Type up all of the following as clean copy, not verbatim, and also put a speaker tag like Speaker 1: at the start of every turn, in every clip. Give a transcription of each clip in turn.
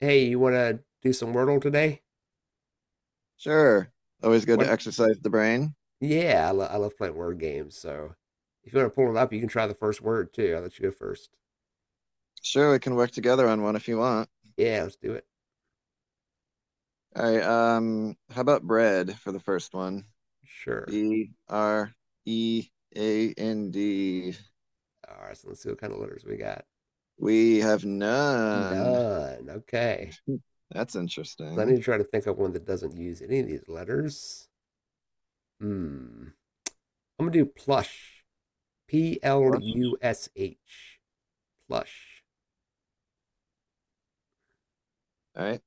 Speaker 1: Hey, you want to do some Wordle today?
Speaker 2: Sure. Always good to
Speaker 1: What?
Speaker 2: exercise the brain.
Speaker 1: Yeah, I love playing word games. So if you want to pull it up, you can try the first word too. I'll let you go first.
Speaker 2: Sure, we can work together on one if you want.
Speaker 1: Yeah, let's do it.
Speaker 2: All right, how about bread for the first one?
Speaker 1: Sure.
Speaker 2: B R E A N D.
Speaker 1: All right, so let's see what kind of letters we got.
Speaker 2: We have none.
Speaker 1: None. Okay.
Speaker 2: That's
Speaker 1: So I need
Speaker 2: interesting.
Speaker 1: to try to think of one that doesn't use any of these letters. Hmm. I'm going to do plush. P L
Speaker 2: Flush.
Speaker 1: U S H. Plush.
Speaker 2: All right.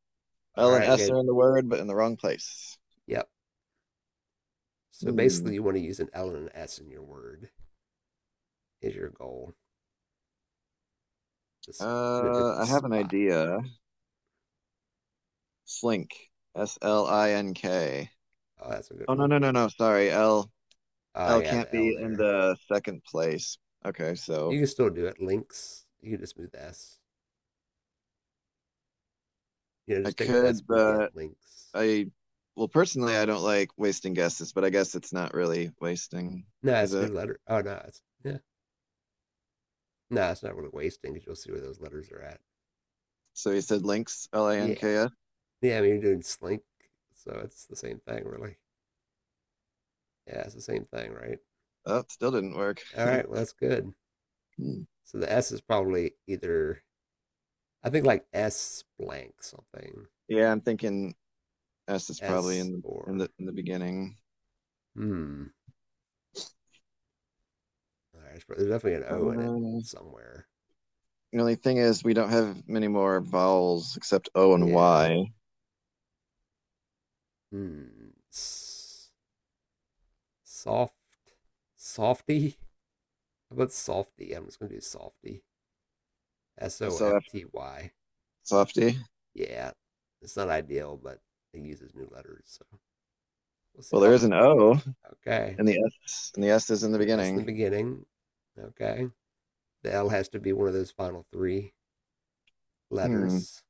Speaker 1: All
Speaker 2: L and
Speaker 1: right. We
Speaker 2: S
Speaker 1: got,
Speaker 2: are in the word, but in the wrong place.
Speaker 1: yep. So
Speaker 2: Hmm.
Speaker 1: basically, you want to use an L and an S in your word, is your goal. Just in a different
Speaker 2: I have an
Speaker 1: spot.
Speaker 2: idea. Slink. S L I N K.
Speaker 1: Oh, that's a good
Speaker 2: Oh no
Speaker 1: one.
Speaker 2: no no no. Sorry. L
Speaker 1: Oh
Speaker 2: L
Speaker 1: yeah,
Speaker 2: can't
Speaker 1: the L
Speaker 2: be in
Speaker 1: there.
Speaker 2: the second place. Okay,
Speaker 1: You
Speaker 2: so
Speaker 1: can still do it. Links. You can just move the S. You know,
Speaker 2: I
Speaker 1: just take the S
Speaker 2: could,
Speaker 1: for the end.
Speaker 2: but
Speaker 1: Links.
Speaker 2: I, well, personally, I don't like wasting guesses, but I guess it's not really wasting,
Speaker 1: No,
Speaker 2: is
Speaker 1: it's
Speaker 2: it?
Speaker 1: new letter. Oh no, it's yeah. No, it's not really wasting because you'll see where those letters are at.
Speaker 2: So you said links,
Speaker 1: Yeah.
Speaker 2: Links.
Speaker 1: Yeah, I mean you're doing slink, so it's the same thing really. Yeah, it's the same thing, right?
Speaker 2: Oh, still didn't work.
Speaker 1: All right, well that's good.
Speaker 2: Hmm.
Speaker 1: So the S is probably either I think like S blank something.
Speaker 2: Yeah, I'm thinking S is probably
Speaker 1: S
Speaker 2: in the in the
Speaker 1: or
Speaker 2: in the beginning.
Speaker 1: hmm. All right, there's definitely an O in it
Speaker 2: Um,
Speaker 1: somewhere.
Speaker 2: the only thing is we don't have many more vowels except O and
Speaker 1: Yeah.
Speaker 2: Y.
Speaker 1: Hmm. Soft. Softy? How about softy? I'm just going to do softy. S O
Speaker 2: S O
Speaker 1: F
Speaker 2: F
Speaker 1: T Y.
Speaker 2: Softy.
Speaker 1: Yeah. It's not ideal, but it uses new letters. So we'll see.
Speaker 2: Well, there
Speaker 1: Oh,
Speaker 2: is an O,
Speaker 1: okay.
Speaker 2: and the S is in the
Speaker 1: An S in the
Speaker 2: beginning.
Speaker 1: beginning. Okay. The L has to be one of those final three
Speaker 2: Hmm.
Speaker 1: letters.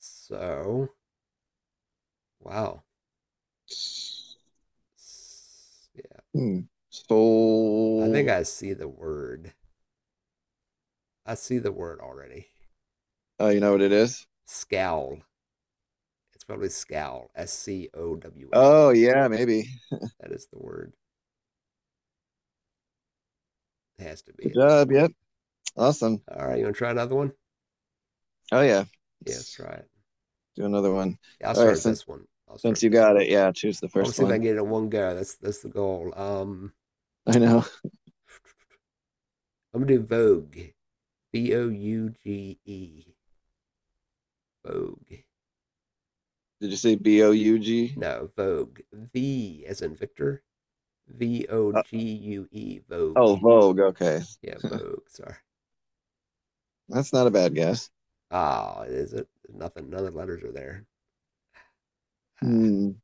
Speaker 1: So, wow. Yeah.
Speaker 2: Hmm. So,
Speaker 1: I think I see the word. I see the word already.
Speaker 2: you know what it is?
Speaker 1: Scowl. It's probably scowl. S C O W L.
Speaker 2: Oh yeah, maybe.
Speaker 1: That is the word. It has to be
Speaker 2: Good
Speaker 1: at this
Speaker 2: job.
Speaker 1: point.
Speaker 2: Yep. Awesome.
Speaker 1: All right, you want to try another one?
Speaker 2: Oh yeah.
Speaker 1: Yeah, let's
Speaker 2: Let's
Speaker 1: try it.
Speaker 2: do another one.
Speaker 1: Yeah, I'll
Speaker 2: All right,
Speaker 1: start
Speaker 2: since
Speaker 1: this one. I'll
Speaker 2: since
Speaker 1: start
Speaker 2: you
Speaker 1: this
Speaker 2: got
Speaker 1: one.
Speaker 2: it, yeah, choose the
Speaker 1: I want to
Speaker 2: first
Speaker 1: see if I
Speaker 2: one.
Speaker 1: can get it in one go. That's the goal.
Speaker 2: I know.
Speaker 1: I'm gonna do Vogue. Vouge. Vogue.
Speaker 2: Did you say B O U G?
Speaker 1: No, Vogue. V as in Victor. V O
Speaker 2: Uh,
Speaker 1: G U E.
Speaker 2: oh,
Speaker 1: Vogue.
Speaker 2: Vogue. Okay.
Speaker 1: Yeah, Vogue. Sorry.
Speaker 2: That's not a bad guess.
Speaker 1: Ah, oh, is it? Nothing. None of the letters are there. Ah.
Speaker 2: Hmm.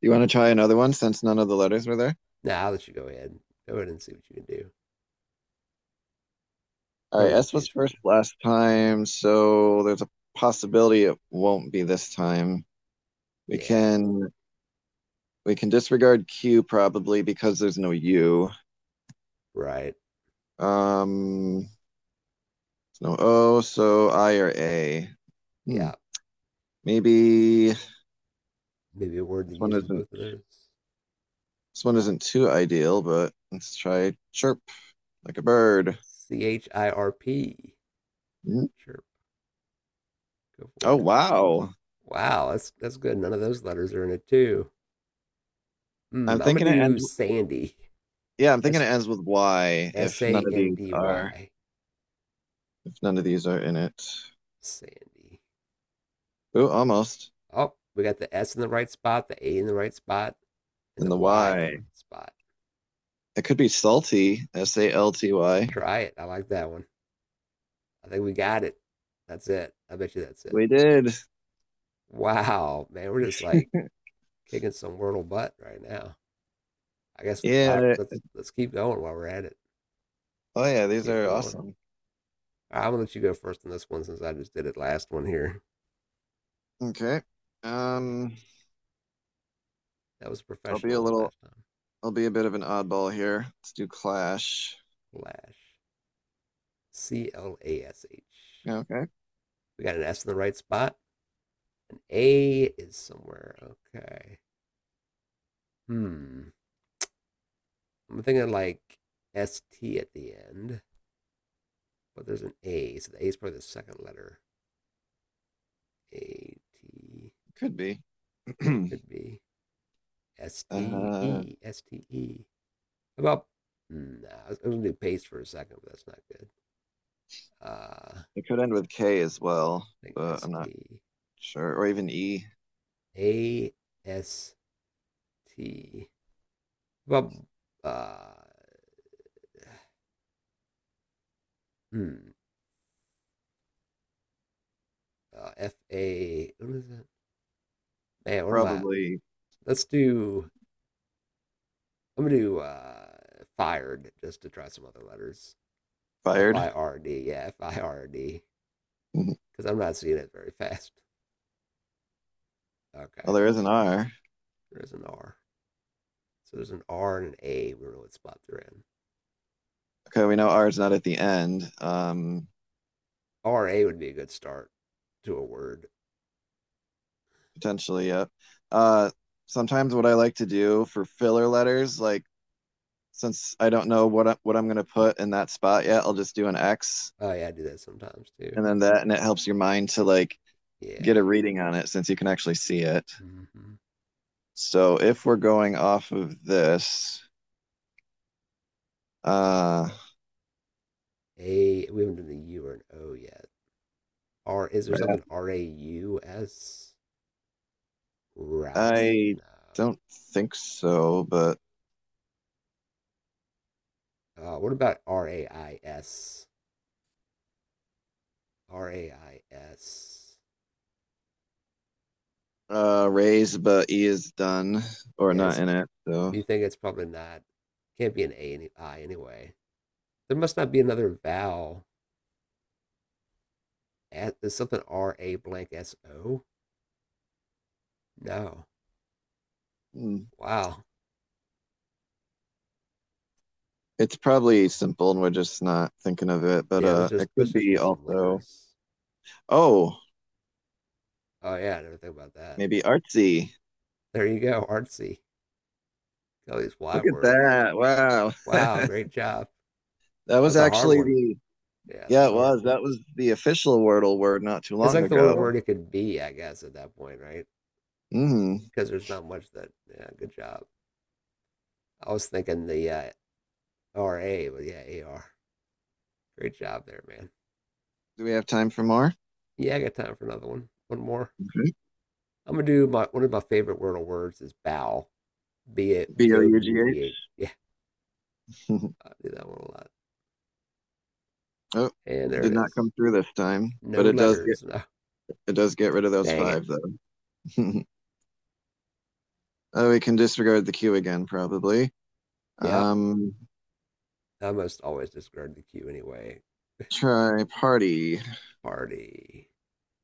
Speaker 2: You want to try another one since none of the letters were there?
Speaker 1: Now nah, I'll let you go ahead. Go ahead and see what you can do.
Speaker 2: All right,
Speaker 1: Plenty to
Speaker 2: S
Speaker 1: choose
Speaker 2: was first
Speaker 1: from.
Speaker 2: last time, so there's a possibility it won't be this time. We
Speaker 1: Yeah, I don't.
Speaker 2: can we can disregard Q probably because there's no U.
Speaker 1: Right.
Speaker 2: Um, No O, so I or A. Hmm.
Speaker 1: Yeah,
Speaker 2: Maybe
Speaker 1: maybe a word that
Speaker 2: one
Speaker 1: uses
Speaker 2: isn't
Speaker 1: both of those.
Speaker 2: this one isn't too ideal, but let's try chirp like a bird.
Speaker 1: Chirp.
Speaker 2: Hmm.
Speaker 1: Chirp. Go for
Speaker 2: Oh
Speaker 1: it.
Speaker 2: wow.
Speaker 1: Wow, that's good. None of those letters are in it too.
Speaker 2: I'm
Speaker 1: I'm gonna
Speaker 2: thinking it
Speaker 1: do
Speaker 2: ends
Speaker 1: Sandy.
Speaker 2: yeah, I'm thinking it
Speaker 1: S
Speaker 2: ends with Y
Speaker 1: S
Speaker 2: if
Speaker 1: A
Speaker 2: none of
Speaker 1: N
Speaker 2: these
Speaker 1: D
Speaker 2: are
Speaker 1: Y.
Speaker 2: if none of these are in it.
Speaker 1: Sandy.
Speaker 2: Ooh, almost.
Speaker 1: Oh, we got the S in the right spot, the A in the right spot, and
Speaker 2: In
Speaker 1: the
Speaker 2: the
Speaker 1: Y in the
Speaker 2: Y.
Speaker 1: right spot.
Speaker 2: It could be salty, S A L T Y.
Speaker 1: Try it. I like that one. I think we got it. That's it. I bet you that's it.
Speaker 2: We did.
Speaker 1: Wow, man, we're just like kicking some Wordle butt right now. I guess
Speaker 2: Yeah.
Speaker 1: let's keep going while we're at it.
Speaker 2: Oh yeah, these
Speaker 1: Keep
Speaker 2: are
Speaker 1: going.
Speaker 2: awesome.
Speaker 1: I Right, I'm gonna let you go first on this one since I just did it last one here.
Speaker 2: Okay.
Speaker 1: Let's see,
Speaker 2: Um,
Speaker 1: that was a
Speaker 2: I'll be
Speaker 1: professional
Speaker 2: a
Speaker 1: one
Speaker 2: little
Speaker 1: last time.
Speaker 2: I'll be a bit of an oddball here. Let's do Clash.
Speaker 1: Clash. C L A S H.
Speaker 2: Yeah, okay,
Speaker 1: We got an S in the right spot. An A is somewhere. Okay. Hmm. I'm thinking like S T at the end, but there's an A, so the A is probably the second letter. A T.
Speaker 2: could be.
Speaker 1: Yeah, it could be S T
Speaker 2: uh,
Speaker 1: E S T E. About nah, I was going to do paste for a second, but that's not good. I
Speaker 2: it could end with K as well,
Speaker 1: think
Speaker 2: but
Speaker 1: S
Speaker 2: I'm not
Speaker 1: T
Speaker 2: sure. Or even E.
Speaker 1: A S T. About uh, hmm, F A. What is that? Man, what am I?
Speaker 2: Probably
Speaker 1: Let's do. I'm gonna do fired just to try some other letters. F
Speaker 2: fired.
Speaker 1: I R D. Yeah, FIRD. Because I'm not seeing it very fast.
Speaker 2: Oh,
Speaker 1: Okay,
Speaker 2: there is an R.
Speaker 1: there's an R. So there's an R and an A. We don't know what spot they're in.
Speaker 2: Okay, we know R is not at the end.
Speaker 1: R A would be a good start to a word.
Speaker 2: Potentially, yep. Yeah. Sometimes what I like to do for filler letters, like since I don't know what I'm gonna put in that spot yet, I'll just do an X
Speaker 1: Oh yeah, I do that sometimes too.
Speaker 2: and then that, and it helps your mind to like get
Speaker 1: Yeah.
Speaker 2: a reading on it since you can actually see it.
Speaker 1: Hmm.
Speaker 2: So if we're going off of this, uh,
Speaker 1: A, we haven't done the U or an O yet. R, is there something Raus? Rouse?
Speaker 2: I
Speaker 1: No.
Speaker 2: don't think so, but
Speaker 1: What about Rais? Rais.
Speaker 2: raise, but E is done or
Speaker 1: Yes.
Speaker 2: not in it. So
Speaker 1: Do you think it's probably not? Can't be an A and I anyway. There must not be another vowel. At, is something R A blank S O? No.
Speaker 2: hmm.
Speaker 1: Wow.
Speaker 2: it's probably simple and we're just not thinking of it, but
Speaker 1: Yeah. Let's just
Speaker 2: it
Speaker 1: let's
Speaker 2: could
Speaker 1: just
Speaker 2: be
Speaker 1: use some
Speaker 2: also,
Speaker 1: letters.
Speaker 2: oh,
Speaker 1: Oh yeah, I never think about that.
Speaker 2: maybe artsy.
Speaker 1: There you go, artsy. All these Y
Speaker 2: Look at
Speaker 1: words.
Speaker 2: that. Wow.
Speaker 1: Wow, great job.
Speaker 2: That
Speaker 1: That
Speaker 2: was
Speaker 1: was a hard
Speaker 2: actually
Speaker 1: one.
Speaker 2: the,
Speaker 1: Yeah, that
Speaker 2: Yeah,
Speaker 1: was
Speaker 2: it
Speaker 1: a hard
Speaker 2: was.
Speaker 1: one.
Speaker 2: That was the official Wordle word not too
Speaker 1: It's
Speaker 2: long
Speaker 1: like the only
Speaker 2: ago.
Speaker 1: word it could be, I guess, at that point, right?
Speaker 2: Mm.
Speaker 1: Because there's not much that. Yeah, good job. I was thinking the RA, but yeah, AR. Great job there, man.
Speaker 2: Do we have time for more?
Speaker 1: Yeah, I got time for another one. One more.
Speaker 2: Mm-hmm.
Speaker 1: I'm gonna do my one of my favorite wordle words is bow.
Speaker 2: B
Speaker 1: B
Speaker 2: O
Speaker 1: O
Speaker 2: U G
Speaker 1: U G H. Yeah,
Speaker 2: H.
Speaker 1: I do that one a lot.
Speaker 2: Oh,
Speaker 1: And there
Speaker 2: did
Speaker 1: it
Speaker 2: not
Speaker 1: is.
Speaker 2: come through this time, but
Speaker 1: No
Speaker 2: it does get
Speaker 1: letters. No.
Speaker 2: it does get rid of those
Speaker 1: Dang it.
Speaker 2: five though. Oh, we can disregard the queue again probably.
Speaker 1: Yep.
Speaker 2: Um,
Speaker 1: I must always discard the Q anyway.
Speaker 2: Try party.
Speaker 1: Party.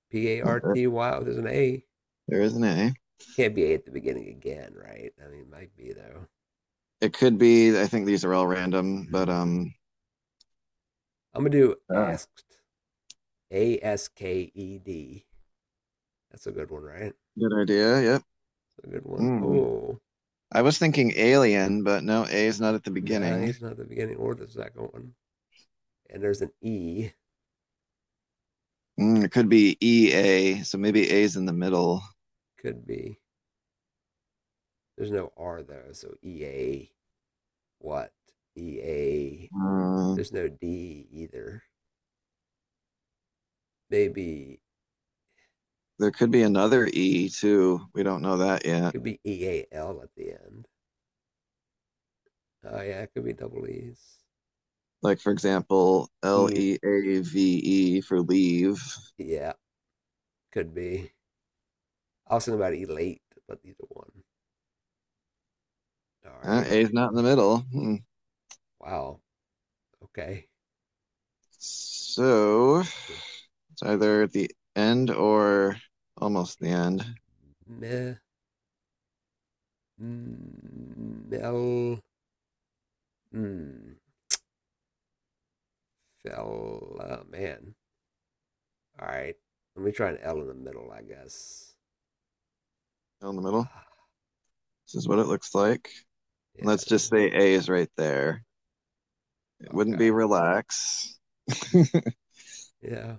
Speaker 1: P A R
Speaker 2: Uh,
Speaker 1: T Y. Oh, there's an A.
Speaker 2: There is an A.
Speaker 1: Can't be A at the beginning again, right? I mean, it might be though.
Speaker 2: It could be. I think these are all random, but
Speaker 1: Mm, I'm gonna do
Speaker 2: uh,
Speaker 1: asked. A S K E D. That's a good one, right?
Speaker 2: good idea. Yep.
Speaker 1: That's a good one.
Speaker 2: Mm.
Speaker 1: Oh,
Speaker 2: I was thinking alien, but no, A is not at the
Speaker 1: no,
Speaker 2: beginning.
Speaker 1: it's not the beginning or the second one. And there's an E.
Speaker 2: Mm, it could be E A, so maybe A is in the middle.
Speaker 1: Could be. There's no R though, so E A. What? E A.
Speaker 2: Uh,
Speaker 1: There's no D either. Maybe
Speaker 2: there could be another E too. We don't know that yet.
Speaker 1: could be EAL at the end. Oh yeah, it could be double E's.
Speaker 2: Like for example, L
Speaker 1: E.
Speaker 2: E A V E for leave.
Speaker 1: Yeah, could be. I was thinking about elate, but either one. All
Speaker 2: Uh,
Speaker 1: right.
Speaker 2: a is not in the middle. Hmm.
Speaker 1: Wow. Okay.
Speaker 2: So it's either at the end or almost the end.
Speaker 1: Yeah. Me, mel, mm, fella, man. All right. Let me try an L in the middle, I guess.
Speaker 2: Still in the middle.
Speaker 1: Ah,
Speaker 2: This is what it looks like. And
Speaker 1: yeah.
Speaker 2: let's
Speaker 1: There's
Speaker 2: just
Speaker 1: a,
Speaker 2: say A is right there. It wouldn't be
Speaker 1: okay.
Speaker 2: relax.
Speaker 1: Yeah.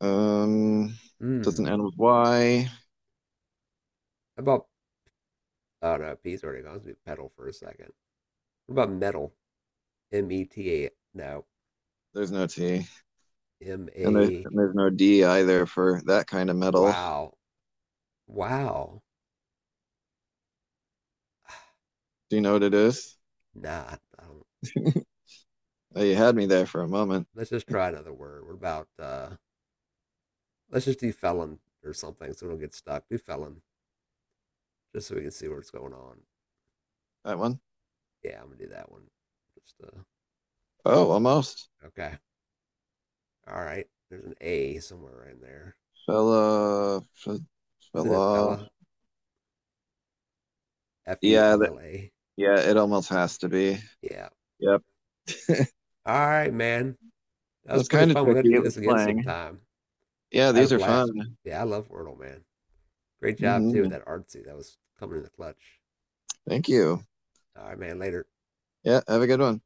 Speaker 2: um, doesn't
Speaker 1: Hmm.
Speaker 2: end with Y.
Speaker 1: How about, oh no, P's already gone. Let's do pedal for a second. What about metal? META. No.
Speaker 2: There's no T,
Speaker 1: M
Speaker 2: and
Speaker 1: A.
Speaker 2: there's no D either for that kind of metal.
Speaker 1: Wow. Wow. Ah,
Speaker 2: Do you know what it is?
Speaker 1: nah, I don't.
Speaker 2: You had me there for a moment.
Speaker 1: Let's just try another word. What about let's just do felon or something so we don't get stuck. Do felon just so we can see what's going on.
Speaker 2: That one.
Speaker 1: Yeah, I'm gonna do that one. Just
Speaker 2: Oh, almost.
Speaker 1: okay. All right. There's an A somewhere in there.
Speaker 2: Fella, f-
Speaker 1: Isn't it
Speaker 2: fella.
Speaker 1: fella? F E
Speaker 2: Yeah,
Speaker 1: L
Speaker 2: that,
Speaker 1: L A.
Speaker 2: yeah, it almost has to be.
Speaker 1: Yeah.
Speaker 2: Yep.
Speaker 1: All right, man. That was
Speaker 2: That's
Speaker 1: pretty
Speaker 2: kind of
Speaker 1: fun. We'll have to
Speaker 2: tricky.
Speaker 1: do
Speaker 2: It
Speaker 1: this
Speaker 2: was
Speaker 1: again
Speaker 2: slang.
Speaker 1: sometime.
Speaker 2: Yeah,
Speaker 1: I had a
Speaker 2: these are
Speaker 1: blast.
Speaker 2: fun.
Speaker 1: Yeah, I love Wordle, man. Great job too with
Speaker 2: hmm
Speaker 1: that artsy. That was coming in the clutch.
Speaker 2: Thank you.
Speaker 1: All right, man. Later.
Speaker 2: Yeah, have a good one.